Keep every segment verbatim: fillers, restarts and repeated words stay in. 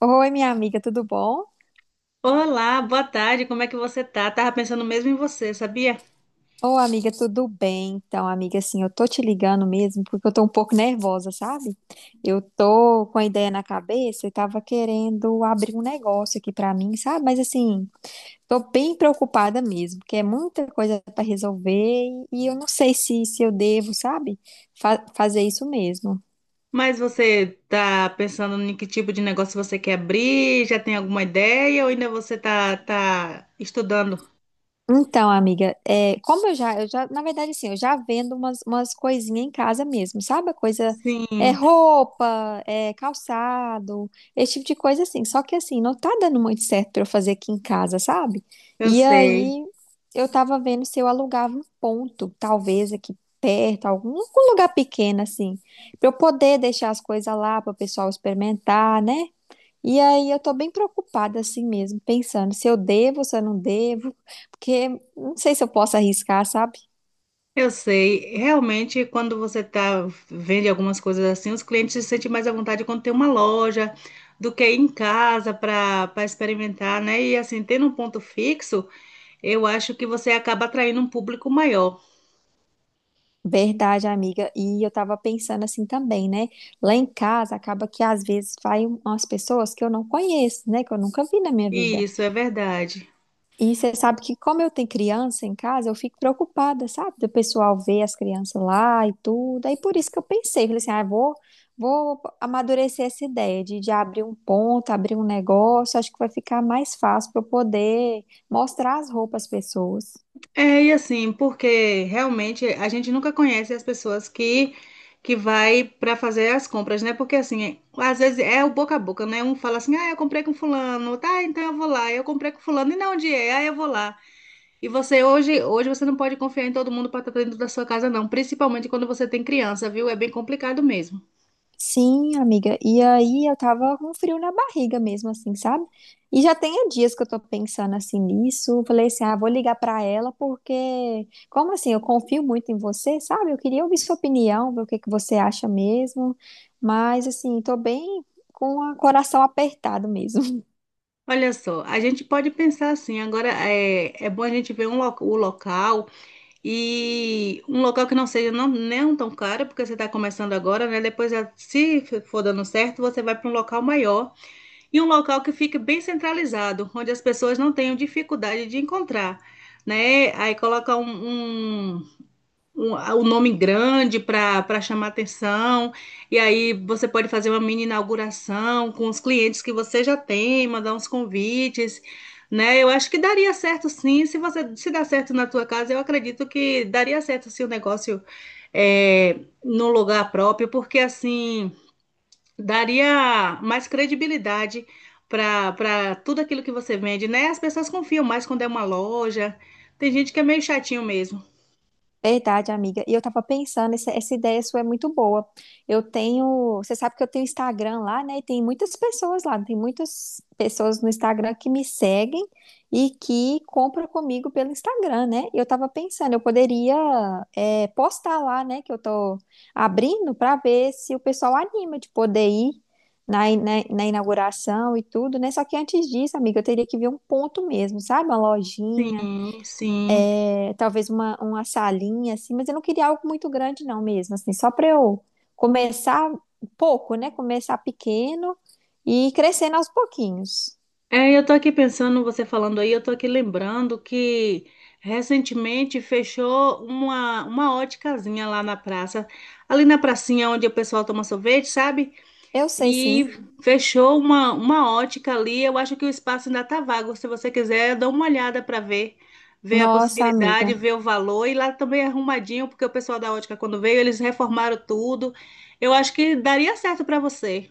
Oi, minha amiga, tudo bom? Olá, boa tarde, como é que você tá? Tava pensando mesmo em você, sabia? Ô, amiga, tudo bem? Então, amiga, assim, eu tô te ligando mesmo porque eu tô um pouco nervosa, sabe? Eu tô com a ideia na cabeça e tava querendo abrir um negócio aqui pra mim, sabe? Mas, assim, tô bem preocupada mesmo, porque é muita coisa pra resolver e eu não sei se, se eu devo, sabe? Fa- fazer isso mesmo. Mas você tá pensando em que tipo de negócio você quer abrir? Já tem alguma ideia ou ainda você tá, tá estudando? Então, amiga, é, como eu já, eu já, na verdade, assim, eu já vendo umas, umas coisinhas em casa mesmo, sabe? A coisa é Sim, roupa, é calçado, esse tipo de coisa assim. Só que assim, não tá dando muito certo pra eu fazer aqui em casa, sabe? eu E sei. aí, eu tava vendo se eu alugava um ponto, talvez aqui perto, algum, algum lugar pequeno, assim, pra eu poder deixar as coisas lá, para o pessoal experimentar, né? E aí eu tô bem preocupada assim mesmo, pensando se eu devo, se eu não devo, porque não sei se eu posso arriscar, sabe? Eu sei. Realmente, quando você tá vende algumas coisas assim, os clientes se sentem mais à vontade quando tem uma loja do que ir em casa para para experimentar, né? E assim, tendo um ponto fixo, eu acho que você acaba atraindo um público maior. Verdade, amiga. E eu tava pensando assim também, né? Lá em casa acaba que às vezes vai um, umas pessoas que eu não conheço, né? Que eu nunca vi na minha E vida. isso é verdade. E você sabe que, como eu tenho criança em casa, eu fico preocupada, sabe? Do pessoal ver as crianças lá e tudo. Aí por isso que eu pensei, falei assim, ah, eu vou, vou amadurecer essa ideia de, de abrir um ponto, abrir um negócio. Acho que vai ficar mais fácil para eu poder mostrar as roupas às pessoas. É, e assim, porque realmente a gente nunca conhece as pessoas que que vai para fazer as compras, né? Porque assim, é- às vezes é o boca a boca, né? Um fala assim: "Ah, eu comprei com fulano". Tá, então eu vou lá. Eu comprei com fulano e não onde é? Ah, eu vou lá. E você hoje, hoje você não pode confiar em todo mundo para estar dentro da sua casa não, principalmente quando você tem criança, viu? É bem complicado mesmo. Sim, amiga. E aí eu tava com frio na barriga mesmo, assim, sabe? E já tem dias que eu tô pensando assim nisso. Eu falei assim, ah, vou ligar pra ela porque, como assim, eu confio muito em você, sabe? Eu queria ouvir sua opinião, ver o que que você acha mesmo. Mas assim, tô bem com o coração apertado mesmo. Olha só, a gente pode pensar assim, agora é, é bom a gente ver um lo- o local. E um local que não seja não, não tão caro, porque você está começando agora, né? Depois, eh, se for dando certo, você vai para um local maior e um local que fique bem centralizado, onde as pessoas não tenham dificuldade de encontrar, né? Aí coloca um, um- um, o nome grande para para chamar atenção. E aí você pode fazer uma mini inauguração com os clientes que você já tem, mandar uns convites, né? Eu acho que daria certo sim. Se você se dá certo na tua casa, eu acredito que daria certo se o negócio é, num lugar próprio, porque assim daria mais credibilidade. Para para tudo aquilo que você vende, né? As pessoas confiam mais quando é uma loja. Tem gente que é meio chatinho mesmo. Verdade, amiga. E eu tava pensando, essa, essa ideia sua é muito boa. Eu tenho, você sabe que eu tenho Instagram lá, né? E tem muitas pessoas lá, tem muitas pessoas no Instagram que me seguem e que compram comigo pelo Instagram, né? E eu tava pensando, eu poderia, é, postar lá, né? Que eu tô abrindo para ver se o pessoal anima de poder ir na, in- na, na inauguração e tudo, né? Só que antes disso, amiga, eu teria que ver um ponto mesmo, sabe? Uma lojinha Sim, sim. é, talvez uma, uma salinha, assim, mas eu não queria algo muito grande, não, mesmo, assim, só para eu começar pouco, né? Começar pequeno e ir crescendo aos pouquinhos. É, eu tô aqui pensando, você falando aí, eu tô aqui lembrando que recentemente fechou uma, uma óticazinha lá na praça, ali na pracinha onde o pessoal toma sorvete, sabe? Eu sei, E sim. fechou uma, uma ótica ali, eu acho que o espaço ainda tá vago, se você quiser, dá uma olhada para ver, ver a Nossa, amiga. possibilidade, ver o valor, e lá também é arrumadinho, porque o pessoal da ótica quando veio, eles reformaram tudo, eu acho que daria certo para você.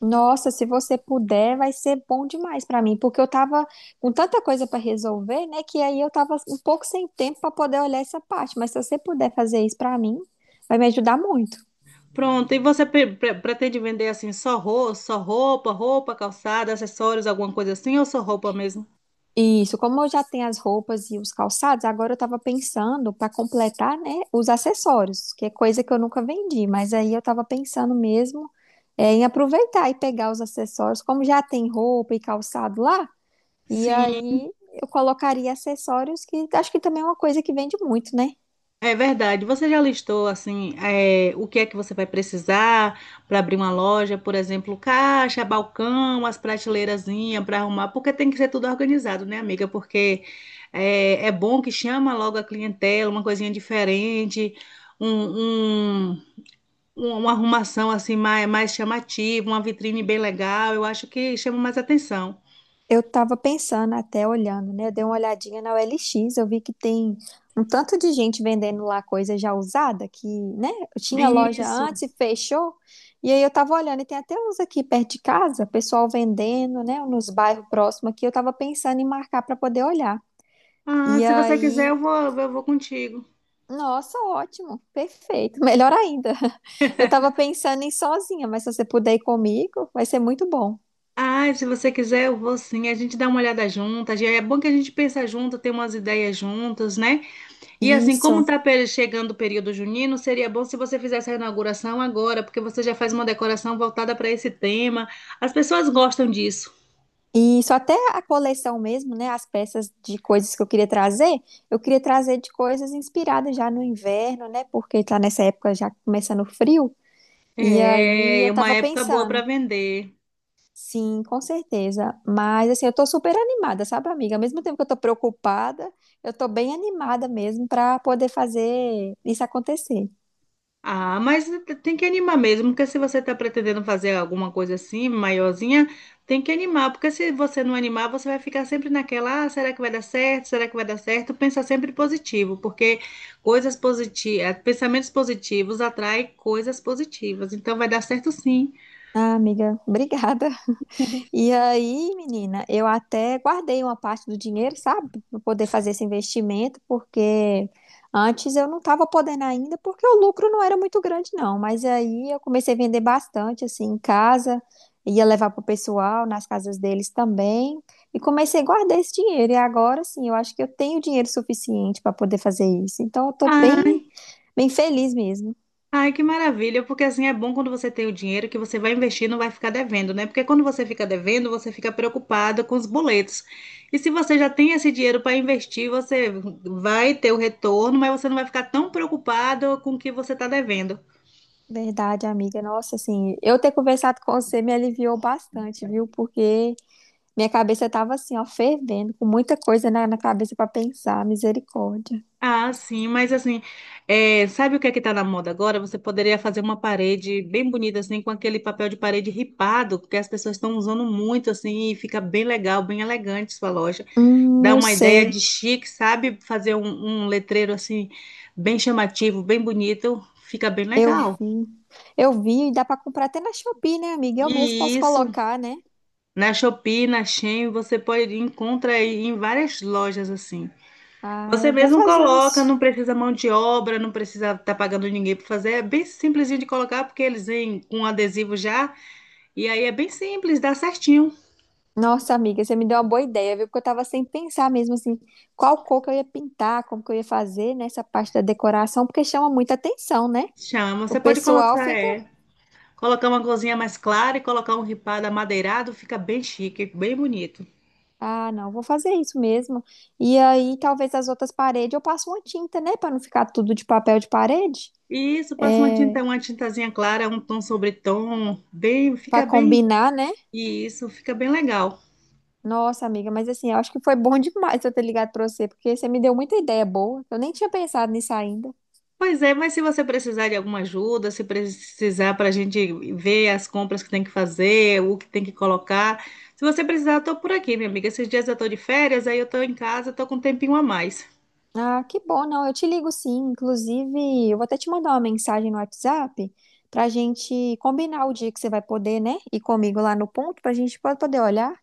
Nossa, se você puder, vai ser bom demais para mim, porque eu tava com tanta coisa para resolver, né? Que aí eu tava um pouco sem tempo para poder olhar essa parte. Mas se você puder fazer isso para mim, vai me ajudar muito. Pronto, e você pre- pre- pretende vender assim só roupa, só roupa, roupa, calçada, acessórios, alguma coisa assim, ou só roupa mesmo? Isso, como eu já tenho as roupas e os calçados, agora eu estava pensando para completar, né, os acessórios, que é coisa que eu nunca vendi, mas aí eu estava pensando mesmo é, em aproveitar e pegar os acessórios, como já tem roupa e calçado lá, e Sim, aí eu colocaria acessórios que acho que também é uma coisa que vende muito, né? é verdade. Você já listou assim, é, o que é que você vai precisar para abrir uma loja, por exemplo, caixa, balcão, as prateleirazinhas para arrumar, porque tem que ser tudo organizado, né, amiga? Porque é, é bom que chama logo a clientela, uma coisinha diferente, um, um- um- uma arrumação assim mais, mais chamativa, uma vitrine bem legal, eu acho que chama mais atenção. Eu estava pensando até olhando, né? Eu dei uma olhadinha na O L X, eu vi que tem um tanto de gente vendendo lá coisa já usada, que, né? Eu tinha loja Isso. antes e fechou. E aí eu tava olhando, e tem até uns aqui perto de casa, pessoal vendendo, né? Nos bairros próximos aqui, eu tava pensando em marcar para poder olhar. Ah, E se você quiser, aí, eu vou, eu vou contigo. nossa, ótimo, perfeito, melhor ainda. Eu tava pensando em ir sozinha, mas se você puder ir comigo, vai ser muito bom. Ah, se você quiser, eu vou sim. A gente dá uma olhada juntas. É bom que a gente pensa junto, tem umas ideias juntas, né? E assim, como Isso. tá pe- chegando o período junino, seria bom se você fizesse a inauguração agora, porque você já faz uma decoração voltada para esse tema. As pessoas gostam disso. E isso, até a coleção mesmo, né? As peças de coisas que eu queria trazer, eu queria trazer de coisas inspiradas já no inverno, né? Porque tá nessa época já começando o frio. E aí É, eu é uma tava época boa para pensando, vender. sim, com certeza. Mas assim, eu tô super animada, sabe, amiga? Ao mesmo tempo que eu tô preocupada, eu tô bem animada mesmo pra poder fazer isso acontecer. Ah, mas tem que animar mesmo, porque se você está pretendendo fazer alguma coisa assim, maiorzinha, tem que animar, porque se você não animar, você vai ficar sempre naquela, ah, será que vai dar certo? Será que vai dar certo? Pensa sempre positivo, porque coisas positivas, pensamentos positivos atraem coisas positivas, então vai dar certo sim. Ah, amiga, obrigada. E aí, menina, eu até guardei uma parte do dinheiro, sabe, para poder fazer esse investimento, porque antes eu não estava podendo ainda, porque o lucro não era muito grande, não. Mas aí eu comecei a vender bastante, assim, em casa, ia levar para o pessoal, nas casas deles também, e comecei a guardar esse dinheiro. E agora, sim, eu acho que eu tenho dinheiro suficiente para poder fazer isso. Então, eu tô Ah, bem, bem feliz mesmo. ai, que maravilha, porque assim é bom quando você tem o dinheiro que você vai investir e não vai ficar devendo, né? Porque quando você fica devendo, você fica preocupada com os boletos. E se você já tem esse dinheiro para investir, você vai ter o retorno, mas você não vai ficar tão preocupado com o que você está devendo. Verdade, amiga. Nossa, assim, eu ter conversado com você me aliviou bastante, viu? Porque minha cabeça tava assim, ó, fervendo, com muita coisa na, na cabeça pra pensar, misericórdia. Ah, sim, mas assim, é, sabe o que é que tá na moda agora? Você poderia fazer uma parede bem bonita, assim, com aquele papel de parede ripado, que as pessoas estão usando muito, assim, e fica bem legal, bem elegante sua loja. Hum, Dá eu uma ideia sei, de chique, sabe? Fazer um, um letreiro assim, bem chamativo, bem bonito, fica bem eu legal. vi. Eu vi e dá pra comprar até na Shopee, né, amiga? Eu mesmo E posso isso, colocar, né? na Shopee, na Shein, você pode encontrar aí em várias lojas assim. Ah, Você eu vou mesmo fazer coloca, isso. não precisa mão de obra, não precisa estar pagando ninguém para fazer. É bem simplesinho de colocar, porque eles vêm com adesivo já. E aí é bem simples, dá certinho. Nossa, amiga, você me deu uma boa ideia, viu? Porque eu tava sem pensar mesmo, assim, qual cor que eu ia pintar, como que eu ia fazer nessa parte da decoração, porque chama muita atenção, né? Chama, O você pode pessoal colocar, fica. é. Colocar uma cozinha mais clara e colocar um ripado amadeirado, fica bem chique, bem bonito. Ah, não, vou fazer isso mesmo. E aí, talvez as outras paredes eu passo uma tinta, né? Pra não ficar tudo de papel de parede. Isso, passa uma tinta, uma tintazinha clara, um tom sobre tom, bem, Pra fica bem, combinar, né? e isso fica bem legal. Nossa, amiga, mas assim, eu acho que foi bom demais eu ter ligado pra você, porque você me deu muita ideia boa. Eu nem tinha pensado nisso ainda. Pois é, mas se você precisar de alguma ajuda, se precisar para a gente ver as compras que tem que fazer, o que tem que colocar, se você precisar, eu tô por aqui, minha amiga. Esses dias eu tô de férias, aí eu tô em casa, tô com um tempinho a mais. Ah, que bom, não. Eu te ligo sim. Inclusive, eu vou até te mandar uma mensagem no WhatsApp pra gente combinar o dia que você vai poder, né? Ir comigo lá no ponto pra gente poder olhar.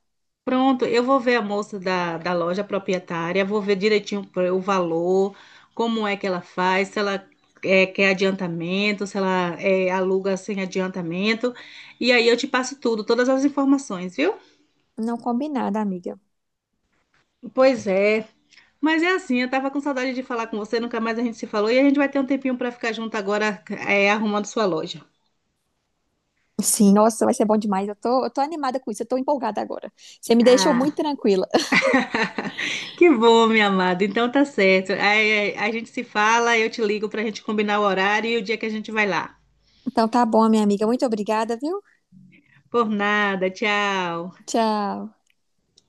Pronto, eu vou ver a moça da, da loja proprietária, vou ver direitinho o valor, como é que ela faz, se ela eh, quer adiantamento, se ela eh, aluga sem adiantamento. E aí eu te passo tudo, todas as informações, viu? Não, combinado, amiga. Pois é. Mas é assim, eu tava com saudade de falar com você, nunca mais a gente se falou e a gente vai ter um tempinho para ficar junto agora, eh, arrumando sua loja. Sim, nossa, vai ser bom demais. Eu tô, eu tô animada com isso, eu tô empolgada agora. Você me deixou muito Ah, tranquila. que bom, minha amada. Então tá certo. Aí, eh, a gente se fala, eu te ligo pra gente combinar o horário e o dia que a gente vai lá. Então tá bom, minha amiga. Muito obrigada, viu? Por nada, tchau. Tchau.